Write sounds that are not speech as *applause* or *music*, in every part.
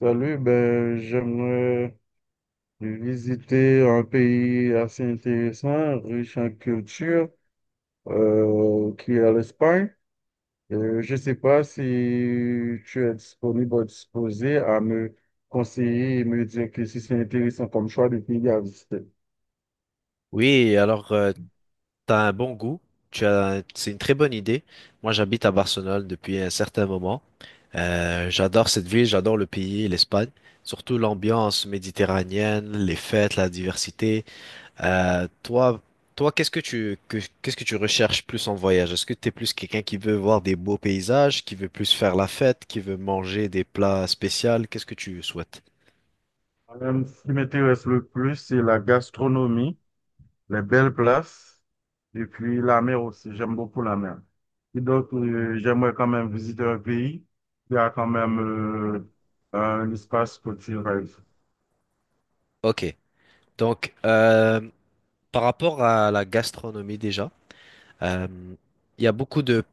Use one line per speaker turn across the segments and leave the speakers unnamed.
Salut, j'aimerais visiter un pays assez intéressant, riche en culture, qui est l'Espagne. Je ne sais pas si tu es disponible ou disposé à me conseiller et me dire que si c'est intéressant comme choix de pays à visiter.
Oui, alors t'as un bon goût, tu as, c'est une très bonne idée. Moi, j'habite à Barcelone depuis un certain moment. J'adore cette ville, j'adore le pays, l'Espagne, surtout l'ambiance méditerranéenne, les fêtes, la diversité. Euh, toi, toi, qu'est-ce que tu recherches plus en voyage? Est-ce que t'es plus quelqu'un qui veut voir des beaux paysages, qui veut plus faire la fête, qui veut manger des plats spéciaux? Qu'est-ce que tu souhaites?
Ce qui m'intéresse le plus, c'est la gastronomie, les belles places et puis la mer aussi. J'aime beaucoup la mer. Et donc, j'aimerais quand même visiter un pays qui a quand même un espace côtier, par exemple.
Ok, donc par rapport à la gastronomie déjà. Euh, il y a beaucoup de,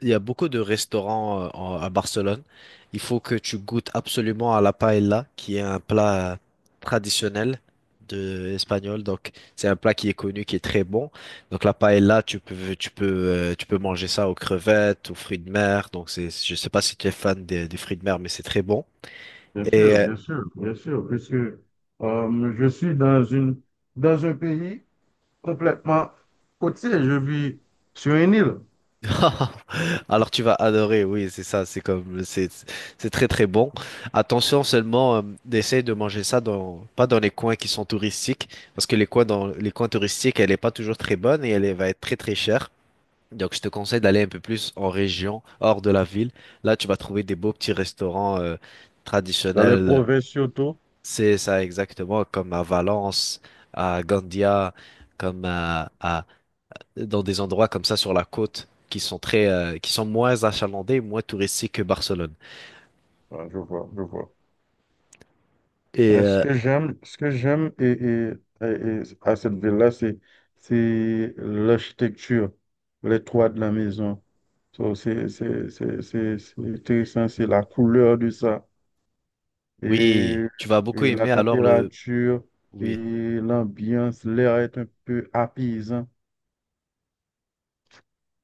il y a beaucoup de restaurants à Barcelone. Il faut que tu goûtes absolument à la paella, qui est un plat traditionnel de espagnol. Donc, c'est un plat qui est connu, qui est très bon. Donc, la paella, tu peux manger ça aux crevettes, aux fruits de mer. Donc, c'est, je sais pas si tu es fan des fruits de mer, mais c'est très bon.
Bien
Et
sûr, bien sûr, bien sûr, puisque je suis dans un pays complètement côtier. Je vis sur une île,
*laughs* Alors tu vas adorer, oui, c'est ça, c'est c'est très très bon. Attention seulement, d'essayer de manger ça dans pas dans les coins qui sont touristiques, parce que les coins dans les coins touristiques, elle est pas toujours très bonne et va être très très chère. Donc je te conseille d'aller un peu plus en région, hors de la ville. Là, tu vas trouver des beaux petits restaurants
dans les
traditionnels.
provinces surtout.
C'est ça exactement comme à Valence, à Gandia, comme à dans des endroits comme ça sur la côte qui sont très qui sont moins achalandés, moins touristiques que Barcelone.
Ah, je vois, je vois.
Et
Mais ce que j'aime à cette ville-là, c'est l'architecture, les toits de la maison. So, c'est intéressant, c'est la couleur de ça, et,
oui, tu vas beaucoup
et la
aimer alors le
température, et
oui,
l'ambiance, l'air est un peu apaisant.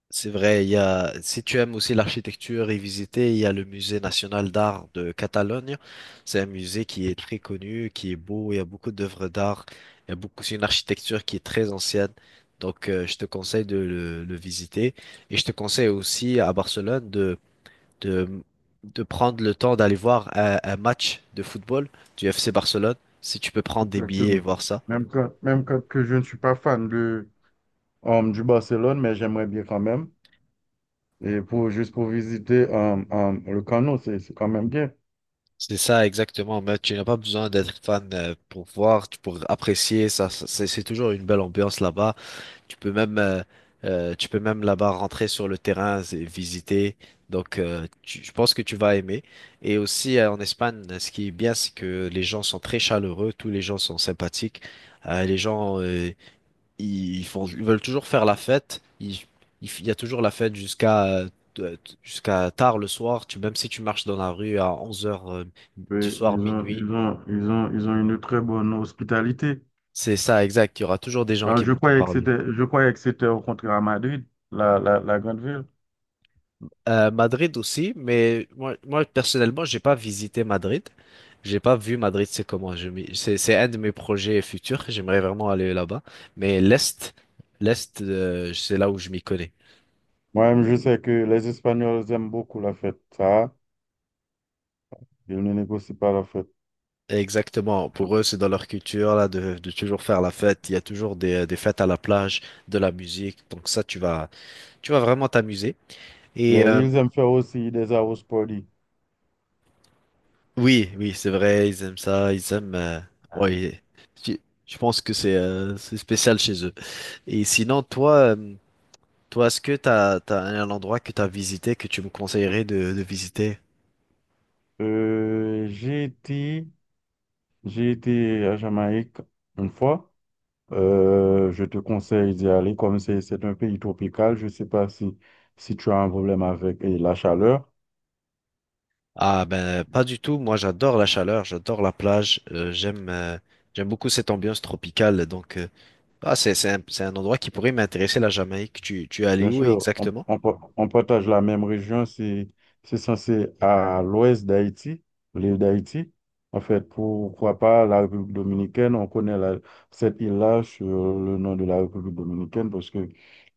c'est vrai, il y a si tu aimes aussi l'architecture et visiter, il y a le Musée national d'art de Catalogne. C'est un musée qui est très connu, qui est beau, il y a beaucoup d'œuvres d'art, il y a beaucoup c'est une architecture qui est très ancienne. Donc, je te conseille de le visiter. Et je te conseille aussi à Barcelone de, de prendre le temps d'aller voir un match de football du FC Barcelone, si tu peux prendre des billets et
Exactement.
voir ça.
Même quand que je ne suis pas fan de, du Barcelone, mais j'aimerais bien quand même. Et pour, juste pour visiter le canot, c'est quand même bien.
C'est ça exactement, mais tu n'as pas besoin d'être fan pour voir, pour apprécier ça. C'est toujours une belle ambiance là-bas. Tu peux même, euh, tu peux même là-bas rentrer sur le terrain et visiter. Donc, je pense que tu vas aimer. Et aussi en Espagne, ce qui est bien, c'est que les gens sont très chaleureux, tous les gens sont sympathiques. Euh, les gens, euh, ils font, ils veulent toujours faire la fête. Il y a toujours la fête jusqu'à tard le soir. Tu, même si tu marches dans la rue à 11 heures du
Mais
soir,
ils ont,
minuit,
ils ont une très bonne hospitalité.
c'est ça, exact. Il y aura toujours des gens
Alors,
qui vont te parler.
je croyais que c'était au contraire à Madrid, la grande ville.
Madrid aussi, mais moi personnellement, j'ai pas visité Madrid. J'ai pas vu Madrid, c'est comment. C'est un de mes projets futurs. J'aimerais vraiment aller là-bas. Mais l'Est, l'Est, c'est là où je m'y connais.
Moi-même, je sais que les Espagnols aiment beaucoup la fête. Ça, ils ne négocient pas la fête.
Exactement. Pour eux, c'est dans leur culture là de toujours faire la fête. Il y a toujours des fêtes à la plage, de la musique. Donc ça, tu vas vraiment t'amuser.
Et
Et
ils aiment faire aussi des arroz poli.
oui, oui, c'est vrai. Ils aiment ça. Ils aiment. Ouais. Je, je pense que c'est spécial chez eux. Et sinon, toi, est-ce que t'as un endroit que t'as visité que tu me conseillerais de visiter?
Euh, j'ai été, j'ai été à Jamaïque une fois. Je te conseille d'y aller comme c'est un pays tropical. Je ne sais pas si tu as un problème avec la chaleur.
Ah ben pas du tout. Moi j'adore la chaleur, j'adore la plage. J'aime beaucoup cette ambiance tropicale. Donc c'est un endroit qui pourrait m'intéresser la Jamaïque. Tu es allé
Bien
où
sûr,
exactement?
on partage la même région. C'est censé à l'ouest d'Haïti, l'île d'Haïti. En fait, pourquoi pas la République dominicaine? Cette île-là sur le nom de la République dominicaine parce que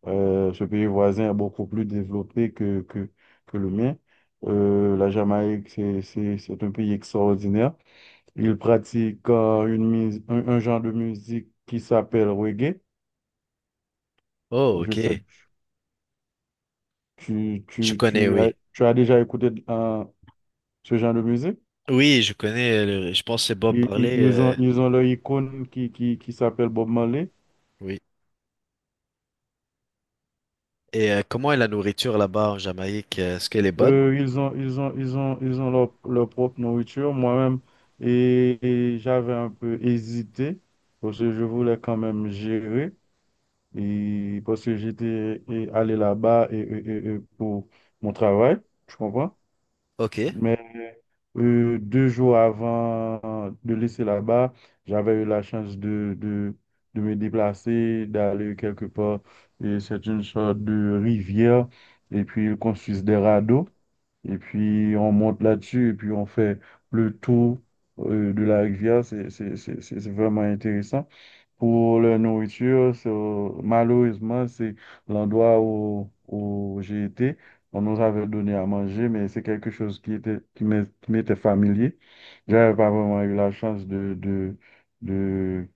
ce pays voisin est beaucoup plus développé que le mien. La Jamaïque, c'est un pays extraordinaire. Il pratique un genre de musique qui s'appelle reggae.
Oh
Je sais que
ok. Je connais oui.
tu as déjà écouté ce genre de musique.
Oui je connais. Je pense que c'est Bob Marley.
Ils ont leur icône qui s'appelle Bob Marley.
Oui. Et comment est la nourriture là-bas en Jamaïque? Est-ce qu'elle est bonne?
Ils ont leur, leur propre nourriture. Moi-même, et, et j'avais un peu hésité parce que je voulais quand même gérer. Et parce que j'étais et allé là-bas et pour mon travail, tu comprends?
Ok.
Deux jours avant de laisser là-bas, j'avais eu la chance de me déplacer, d'aller quelque part. Et c'est une sorte de rivière. Et puis, ils construisent des radeaux. Et puis, on monte là-dessus. Et puis, on fait le tour de la rivière. C'est vraiment intéressant. Pour la nourriture, c'est- Malheureusement, c'est l'endroit où j'ai été. On nous avait donné à manger, mais c'est quelque chose qui m'était familier. J'avais pas vraiment eu la chance de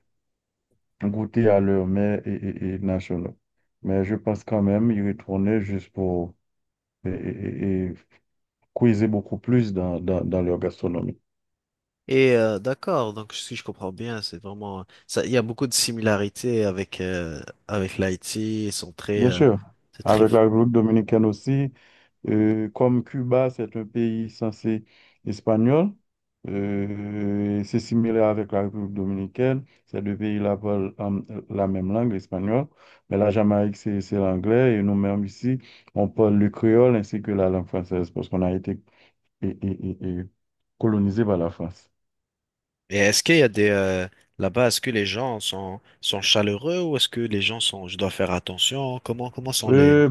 goûter à leur mets et nationaux. Mais je pense quand même y retourner juste pour et puiser beaucoup plus dans leur gastronomie.
Et d'accord, donc si je comprends bien, c'est vraiment ça. Il y a beaucoup de similarités avec avec l'Haïti. Ils sont très,
Bien sûr,
c'est très.
avec la République dominicaine aussi. Comme Cuba, c'est un pays censé espagnol, c'est similaire avec la République dominicaine. Ces deux pays-là parlent la même langue, l'espagnol. Mais la Jamaïque, c'est l'anglais. Et nous-mêmes ici, on parle le créole ainsi que la langue française parce qu'on a été et colonisé par la France.
Et est-ce qu'il y a des là-bas, est-ce que les gens sont chaleureux ou est-ce que les gens sont, je dois faire attention? Comment sont les?
Euh,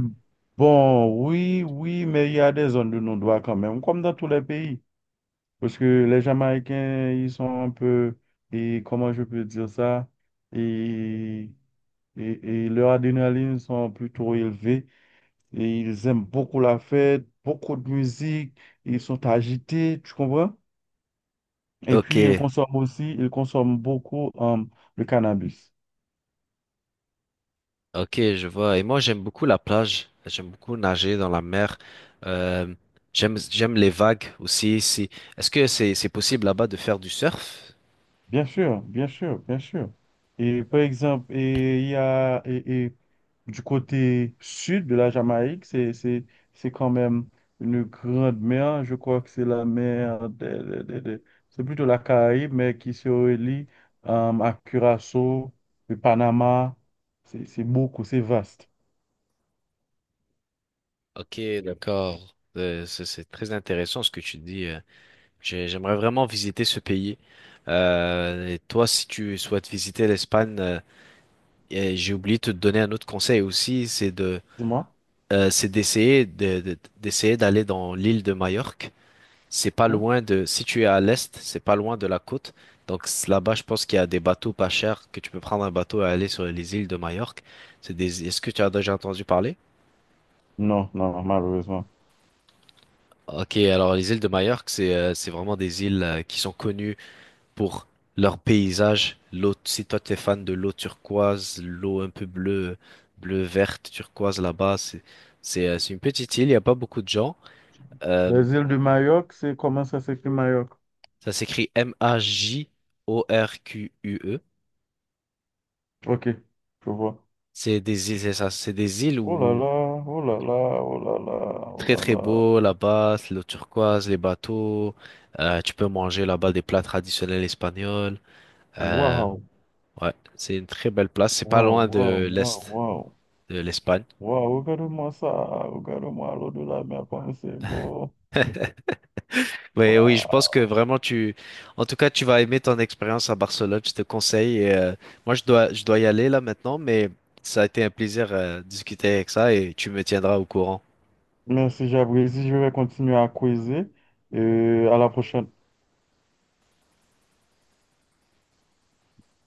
oui, oui, mais il y a des zones de non-droit quand même, comme dans tous les pays. Parce que les Jamaïcains, ils sont un peu, et comment je peux dire ça, et, et, et leur adrénaline sont plutôt élevées et ils aiment beaucoup la fête, beaucoup de musique, ils sont agités, tu comprends? Et
Ok,
puis ils consomment beaucoup le cannabis.
ok, je vois. Et moi, j'aime beaucoup la plage. J'aime beaucoup nager dans la mer. Euh, j'aime les vagues aussi. Si, est-ce que c'est possible là-bas de faire du surf?
Bien sûr, bien sûr, bien sûr. Et par exemple, et il y a et du côté sud de la Jamaïque, c'est quand même une grande mer. Je crois que c'est la mer c'est plutôt la Caraïbe, mais qui se relie à Curaçao, le Panama. C'est vaste.
Ok, d'accord. C'est très intéressant ce que tu dis. J'aimerais vraiment visiter ce pays. Et toi, si tu souhaites visiter l'Espagne, et j'ai oublié de te donner un autre conseil aussi,
Dis-moi.
c'est d'essayer d'aller dans l'île de Majorque. C'est pas
Hein?
loin de, si tu es à l'est, c'est pas loin de la côte. Donc là-bas, je pense qu'il y a des bateaux pas chers que tu peux prendre un bateau et aller sur les îles de Majorque. Est-ce que tu as déjà entendu parler?
Non, non, malheureusement.
Ok, alors les îles de Majorque, c'est vraiment des îles qui sont connues pour leur paysage. L'eau, si toi t'es fan de l'eau turquoise, l'eau un peu bleue, bleu verte turquoise là-bas, c'est une petite île. Il n'y a pas beaucoup de gens. Euh,
Les îles de Mayotte, c'est comment ça s'écrit Mayotte?
Ça s'écrit Majorque.
Ok, je vois.
C'est des îles, c'est ça, c'est des îles
Oh là
où
là, oh là là, oh là là, oh
très
là
très
là.
beau là-bas, c'est l'eau turquoise, les bateaux. Tu peux manger là-bas des plats traditionnels espagnols. euh,
Waouh,
Ouais, c'est une très belle place. C'est pas
waouh,
loin
waouh,
de
waouh,
l'Est
waouh.
de l'Espagne.
Waouh, regarde-moi ça, regarde-moi l'eau de la mer comme c'est beau.
Oui, oui, je pense
Waouh.
que vraiment en tout cas, tu vas aimer ton expérience à Barcelone. Je te conseille. Et, je dois y aller là maintenant, mais ça a été un plaisir de discuter avec ça et tu me tiendras au courant.
Merci, j'apprécie. Je vais continuer à creuser et à la prochaine.